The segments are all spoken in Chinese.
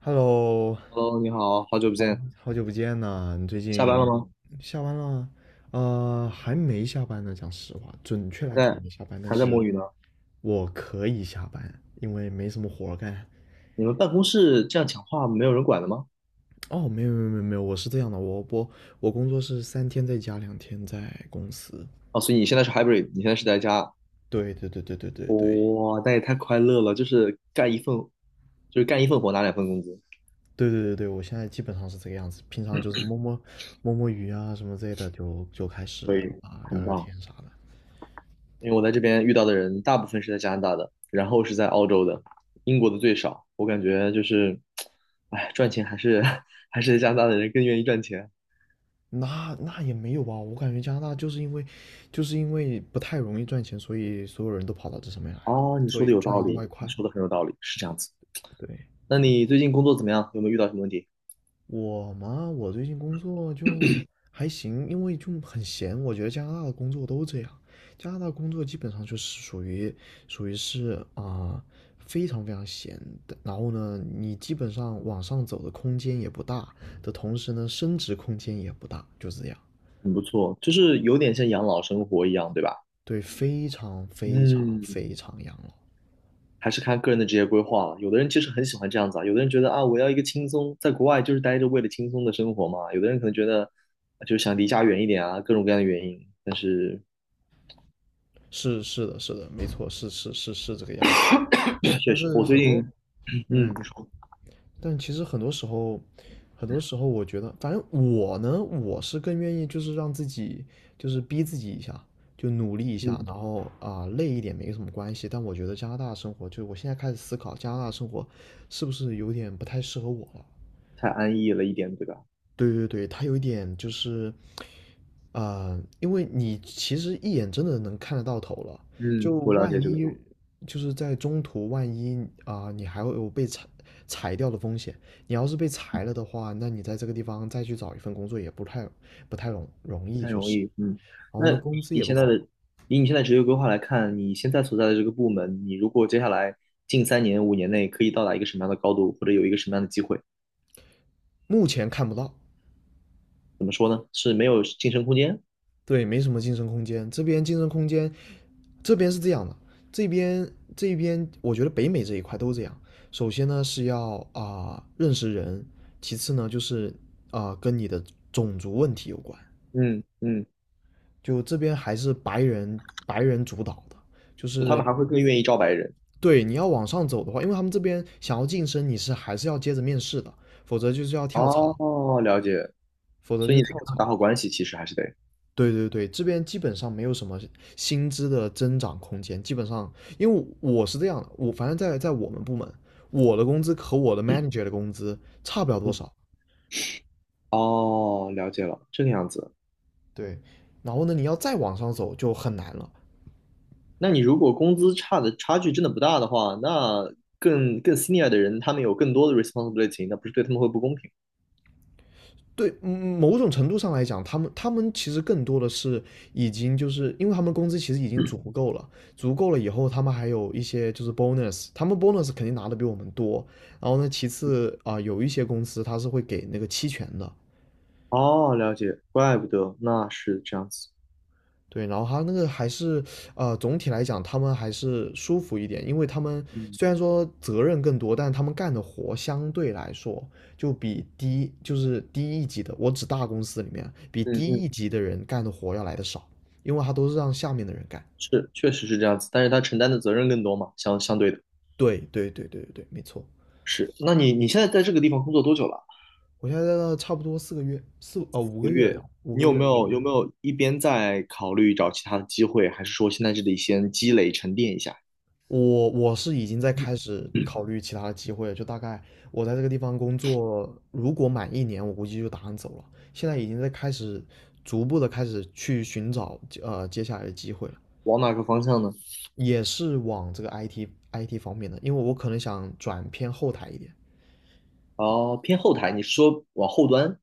Hello，Hello，你好，好久不好见，好久不见呐！你最下班了近吗？下班了？还没下班呢。讲实话，准确嗯还来说还在没下班，但还在是摸鱼呢？我可以下班，因为没什么活儿干。你们办公室这样讲话没有人管的吗？哦，没有没有没有没有，我是这样的，我我工作是三天在家，两天在公司。哦，所以你现在是 hybrid，你现在是在家，对对对对对对对哇，那也太快乐了，就是干一份活拿两份工资，对对对对，我现在基本上是这个样子。平常就是摸摸鱼啊什么之类的，就开可始以，啊聊很聊天棒。啥的。因为我在这边遇到的人大部分是在加拿大的，然后是在澳洲的，英国的最少。我感觉就是，哎，赚钱还是 还是加拿大的人更愿意赚钱。那那也没有吧，我感觉加拿大就是因为，就是因为不太容易赚钱，所以所有人都跑到这上面来了，哦，你所说以的有赚道一个理，外你快。说的很有道理，是这样子。对，那你最近工作怎么样？有没有遇到什么问题？我嘛，我最近工作就还行，因为就很闲。我觉得加拿大的工作都这样，加拿大工作基本上就是属于是啊、非常非常闲的。然后呢，你基本上往上走的空间也不大，的同时呢，升值空间也不大，就是这样。很不错，就是有点像养老生活一样，对吧？对，非常非常嗯，非常养老。还是看个人的职业规划了。有的人其实很喜欢这样子啊，有的人觉得啊，我要一个轻松，在国外就是待着为了轻松的生活嘛。有的人可能觉得啊就是想离家远一点啊，各种各样的原因。但是 是是的，是的，没错，是是是是这个样子。确但实，是我最很近多，嗯，不说但其实很多时候，很多时候我觉得，反正我呢，我是更愿意就是让自己就是逼自己一下，就努力一下，嗯，然后啊、累一点没什么关系。但我觉得加拿大生活，就是我现在开始思考加拿大生活是不是有点不太适合我了。太安逸了一点，对吧？对对对，它有一点就是因为你其实一眼真的能看得到头了，嗯，就我了万解嗯这个。一就是在中途，万一啊、你还会有被裁掉的风险。你要是被裁了的话，那你在这个地方再去找一份工作也不太容易，太就容是，易，嗯。然后那呢，工资你也不现在的，高，以你现在职业规划来看，你现在所在的这个部门，你如果接下来近3年、5年内可以到达一个什么样的高度，或者有一个什么样的机会，目前看不到。是没有晋升空间？对，没什么晋升空间。这边晋升空间，这边是这样的，这边这边我觉得北美这一块都这样。首先呢是要啊、认识人，其次呢就是啊、跟你的种族问题有关。嗯嗯，就这边还是白人主导的，就就他是们还会更愿意招白人。对你要往上走的话，因为他们这边想要晋升，你是还是要接着面试的，否则就是要跳槽，哦，了解。否则所就以你是得跟跳他们打槽。好关系，其实还是得。对对对，这边基本上没有什么薪资的增长空间，基本上，因为我是这样的，我反正在我们部门，我的工资和我的 manager 的工资差不了多嗯，少，哦，了解了，这个样子。对，然后呢，你要再往上走就很难了。那你如果工资差的差距真的不大的话，那更 senior 的人，他们有更多的 responsibility，那不是对他们会不公平？对，某种程度上来讲，他们其实更多的是已经就是因为他们工资其实已经足够了，足够了以后，他们还有一些就是 bonus，他们 bonus 肯定拿的比我们多。然后呢，其次啊、有一些公司它是会给那个期权的，哦，了解，怪不得，那是这样子。对，然后他那个还是，总体来讲，他们还是舒服一点，因为他们嗯虽然说责任更多，但他们干的活相对来说就比低，就是低一级的，我指大公司里面比嗯低嗯，一级的人干的活要来的少，因为他都是让下面的人干。是，确实是这样子，但是他承担的责任更多嘛，相对的对对对对对对，没错。是。那你现在在这个地方工作多久了？我现在在那差不多四个月，四，五个月了要，五你个有月，没五有个有月。没有一边在考虑找其他的机会，还是说现在这里先积累沉淀一下？我是已经在开嗯始嗯，考虑其他的机会了，就大概我在这个地方工作，如果满一年，我估计就打算走了。现在已经在开始逐步的开始去寻找接下来的机会了，往哪个方向呢？也是往这个 IT 方面的，因为我可能想转偏后台一点。哦，偏后台，你是说往后端？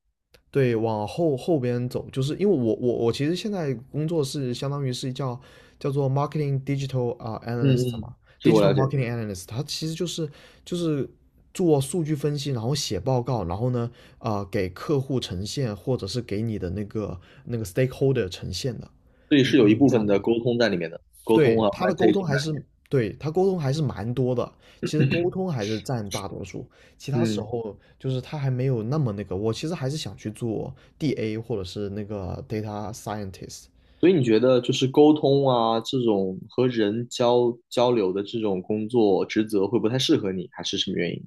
对，往后边走，就是因为我其实现在工作是相当于是叫叫做 marketing digital 啊、嗯 analyst 嗯，嘛这个我，digital 了解，marketing analyst，它其实就是做数据分析，然后写报告，然后呢啊、给客户呈现，或者是给你的那个 stakeholder 呈现的所以一是有一种部状分的态。沟通在里面的，沟通对，啊他的沟，presentation 通还在是，里对，他沟通还是蛮多的。其实沟通还是占大多数，其他时面。嗯候就是他还没有那么那个。我其实还是想去做 DA 或者是那个 data scientist，所以你觉得就是沟通啊，这种和人交流的这种工作职责会不太适合你，还是什么原因？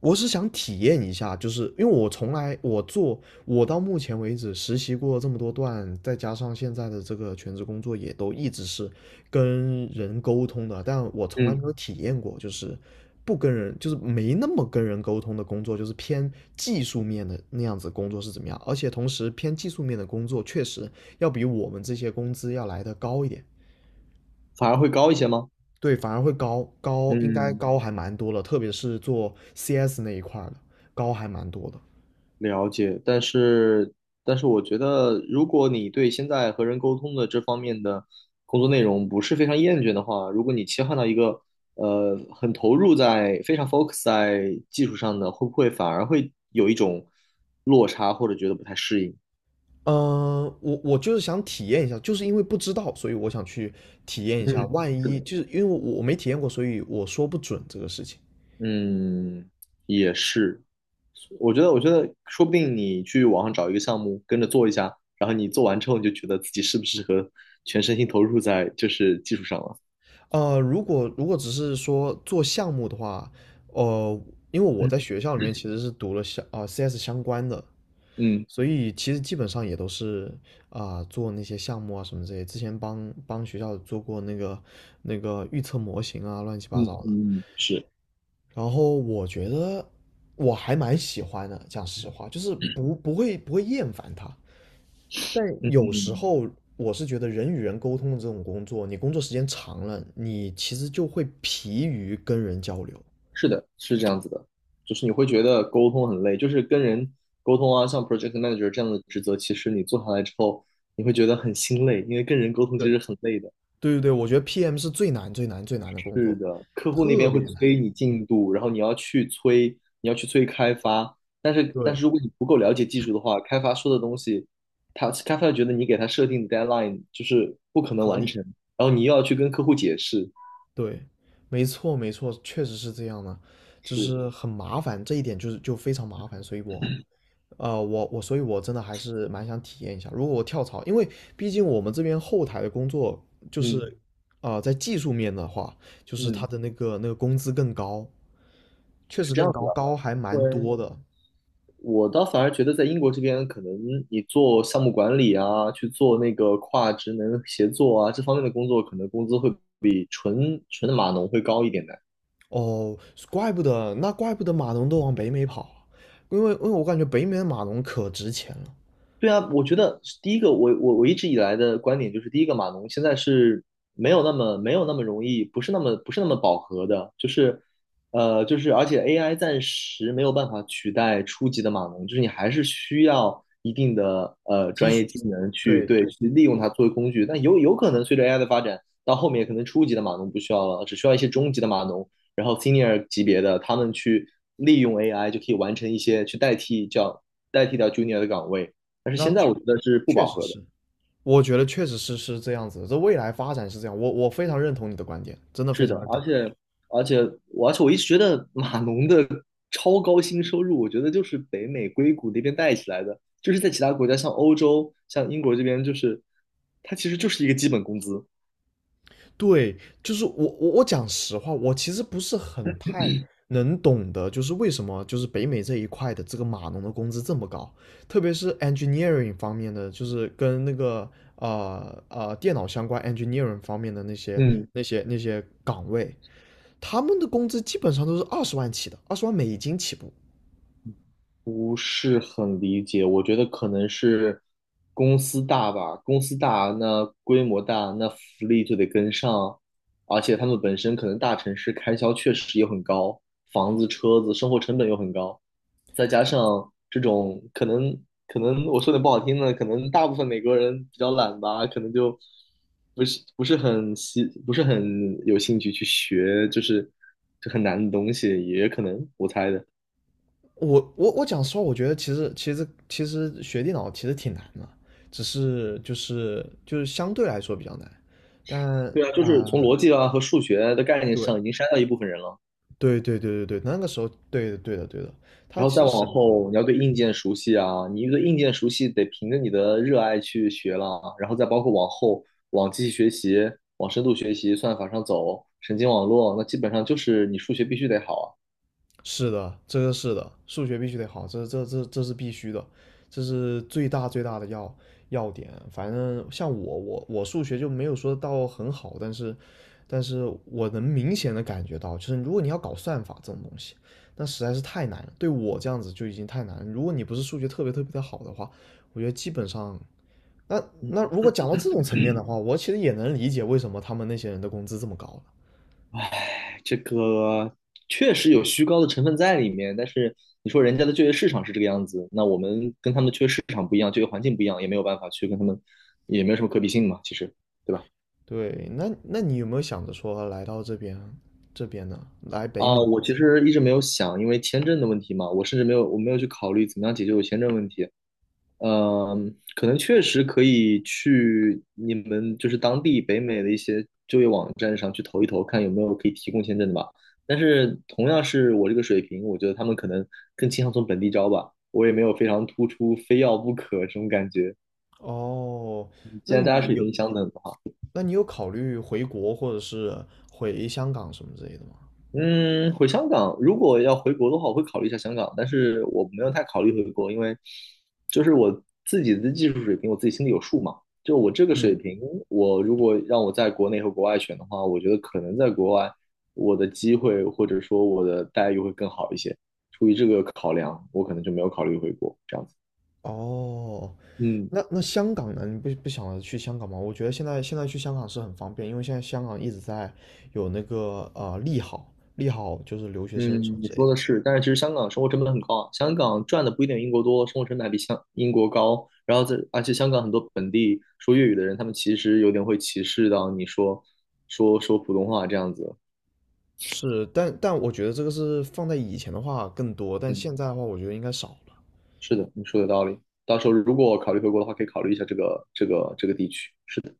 我是想体验一下，就是因为我从来我到目前为止实习过这么多段，再加上现在的这个全职工作也都一直是跟人沟通的，但我从来没嗯，有体验过，就是不跟人，就是没那么跟人沟通的工作，就是偏技术面的那样子工作是怎么样。而且同时偏技术面的工作确实要比我们这些工资要来的高一点。反而会高一些吗？对，反而会高，应该嗯，高还蛮多了，特别是做 CS 那一块儿的，高还蛮多的。了解。但是，我觉得，如果你对现在和人沟通的这方面的工作内容不是非常厌倦的话，如果你切换到一个很投入在非常 focus 在技术上的，会不会反而会有一种落差，或者觉得不太适应？嗯，我就是想体验一下，就是因为不知道，所以我想去体验一下。嗯，万是一的。就是因为我没体验过，所以我说不准这个事情。嗯，也是，我觉得，说不定你去网上找一个项目跟着做一下，然后你做完之后，你就觉得自己适不适合全身心投入在就是技术上了。如果只是说做项目的话，呃，因为我嗯在学校里面其实是读了相啊、CS 相关的，嗯所以其实基本上也都是啊、做那些项目啊什么这些。之前帮学校做过那个预测模型啊，乱七八嗯糟的。嗯，是，然后我觉得我还蛮喜欢的，讲实话，就是不会不会厌烦他。但嗯有时嗯，候我是觉得人与人沟通的这种工作，你工作时间长了，你其实就会疲于跟人交流。是的，是这样子的，就是你会觉得沟通很累，就是跟人沟通啊，像 project manager 这样的职责，其实你做下来之后，你会觉得很心累，因为跟人沟通对其实很累的。对对对，我觉得 PM 是最难最难最难的工是作，的，客户那特边会别难。催你进度，然后你要去催开发。但是，但对，是如果你不够了解技术的话，开发说的东西，他开发觉得你给他设定的 deadline 就是不可能合完理。成，然后你又要去跟客户解释。对，没错没错，确实是这样的，就是，是很麻烦，这一点就非常麻烦，所以我我所以，我真的还是蛮想体验一下。如果我跳槽，因为毕竟我们这边后台的工作就嗯是，在技术面的话，就是他嗯，的那个工资更高，确是实这样更子高，的。高还蛮对，多的。我倒反而觉得在英国这边，可能你做项目管理啊，去做那个跨职能协作啊，这方面的工作，可能工资会比纯纯的码农会高一点的。哦，怪不得，那怪不得码农都往北美跑啊因为我感觉北美的码农可值钱了。对啊，我觉得第一个，我一直以来的观点就是，第一个码农现在是没有那么容易，不是那么饱和的，就是而且 AI 暂时没有办法取代初级的码农，就是你还是需要一定的技专术，业技能去对，对去利用它作为工具。但有可能随着 AI 的发展，到后面可能初级的码农不需要了，只需要一些中级的码农，然后 senior 级别的他们去利用 AI 就可以完成一些去代替掉 junior 的岗位。但是那现在确我觉得是不确饱实和的，是，我觉得确实是是这样子的这未来发展是这样，我非常认同你的观点，真的非是常的，认同。而且而且我一直觉得 码农的超高薪收入，我觉得就是北美硅谷那边带起来的，就是在其他国家像欧洲、像英国这边，就是它其实就是一个基本工资，对，就是我讲实话，我其实不是很太能懂得，就是为什么就是北美这一块的这个码农的工资这么高，特别是 engineering 方面的，就是跟那个电脑相关 engineering 方面的那些嗯。那些那些岗位，他们的工资基本上都是二十万起的，20万美金起步。不是很理解，我觉得可能是公司大吧，公司大，那规模大，那福利就得跟上，而且他们本身可能大城市开销确实也很高，房子、车子、生活成本又很高，再加上这种可能，可能我说点不好听的，可能大部分美国人比较懒吧，可能就不是很有兴趣去学，就是这很难的东西，也可能我猜的。我讲实话，我觉得其实学电脑其实挺难的，只是就是相对来说比较难，但。对啊，就是从逻辑啊和数学的概念上对。已经筛掉一部分人了，对对对对对，那个时候，对的对的对的，他然后其再实往审核后你要对硬件熟悉啊，你一个硬件熟悉得凭着你的热爱去学了啊然后再包括往后往机器学习、往深度学习、算法上走、神经网络，那基本上就是你数学必须得好啊。是的，这个是的，数学必须得好，这这这这是必须的，这是最大最大的要点。反正像我数学就没有说到很好，但是但是我能明显的感觉到，就是如果你要搞算法这种东西，那实在是太难了，对我这样子就已经太难了。如果你不是数学特别特别的好的话，我觉得基本上。那嗯，那如果讲到这种层面的话，我其实也能理解为什么他们那些人的工资这么高了。哎，这个确实有虚高的成分在里面，但是你说人家的就业市场是这个样子，那我们跟他们的就业市场不一样，就业环境不一样，也没有办法去跟他们，也没有什么可比性嘛，其实，对吧？对，那那你有没有想着说来到这边呢？来北啊，美？我其实一直没有想，因为签证的问题嘛，我甚至没有去考虑怎么样解决我签证问题。嗯，可能确实可以去你们就是当地北美的一些就业网站上去投一投，看有没有可以提供签证的吧。但是同样是我这个水平，我觉得他们可能更倾向从本地招吧。我也没有非常突出，非要不可这种感觉。哦，既那然大家你水有平相等。的话。那你有考虑回国或者是回香港什么之类的吗？嗯，回香港，如果要回国的话，我会考虑一下香港，但是我没有太考虑回国，因为就是我自己的技术水平，我自己心里有数嘛。就我这个水嗯。平，我如果让我在国内和国外选的话，我觉得可能在国外我的机会或者说我的待遇会更好一些。出于这个考量，我可能就没有考虑回国这样子。哦，嗯。那那香港呢？你不想着去香港吗？我觉得现在去香港是很方便，因为现在香港一直在有那个利好，利好就是留学生什么嗯，你之类说的的。是，但是其实香港生活成本很高啊，香港赚的不一定英国多，生活成本还比香英国高。然后在，而且香港很多本地说粤语的人，他们其实有点会歧视到你说普通话这样子。是，但我觉得这个是放在以前的话更多，但嗯，现在的话我觉得应该少。了。是的，你说的有道理。到时候如果考虑回国的话，可以考虑一下这个地区。是的，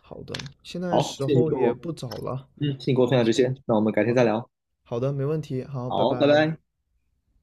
好的，现在好，时候也不早了，谢谢你跟那我我分们享这先，些，那我们改天好再的，聊。好的，没问题，好，拜好，拜拜。拜。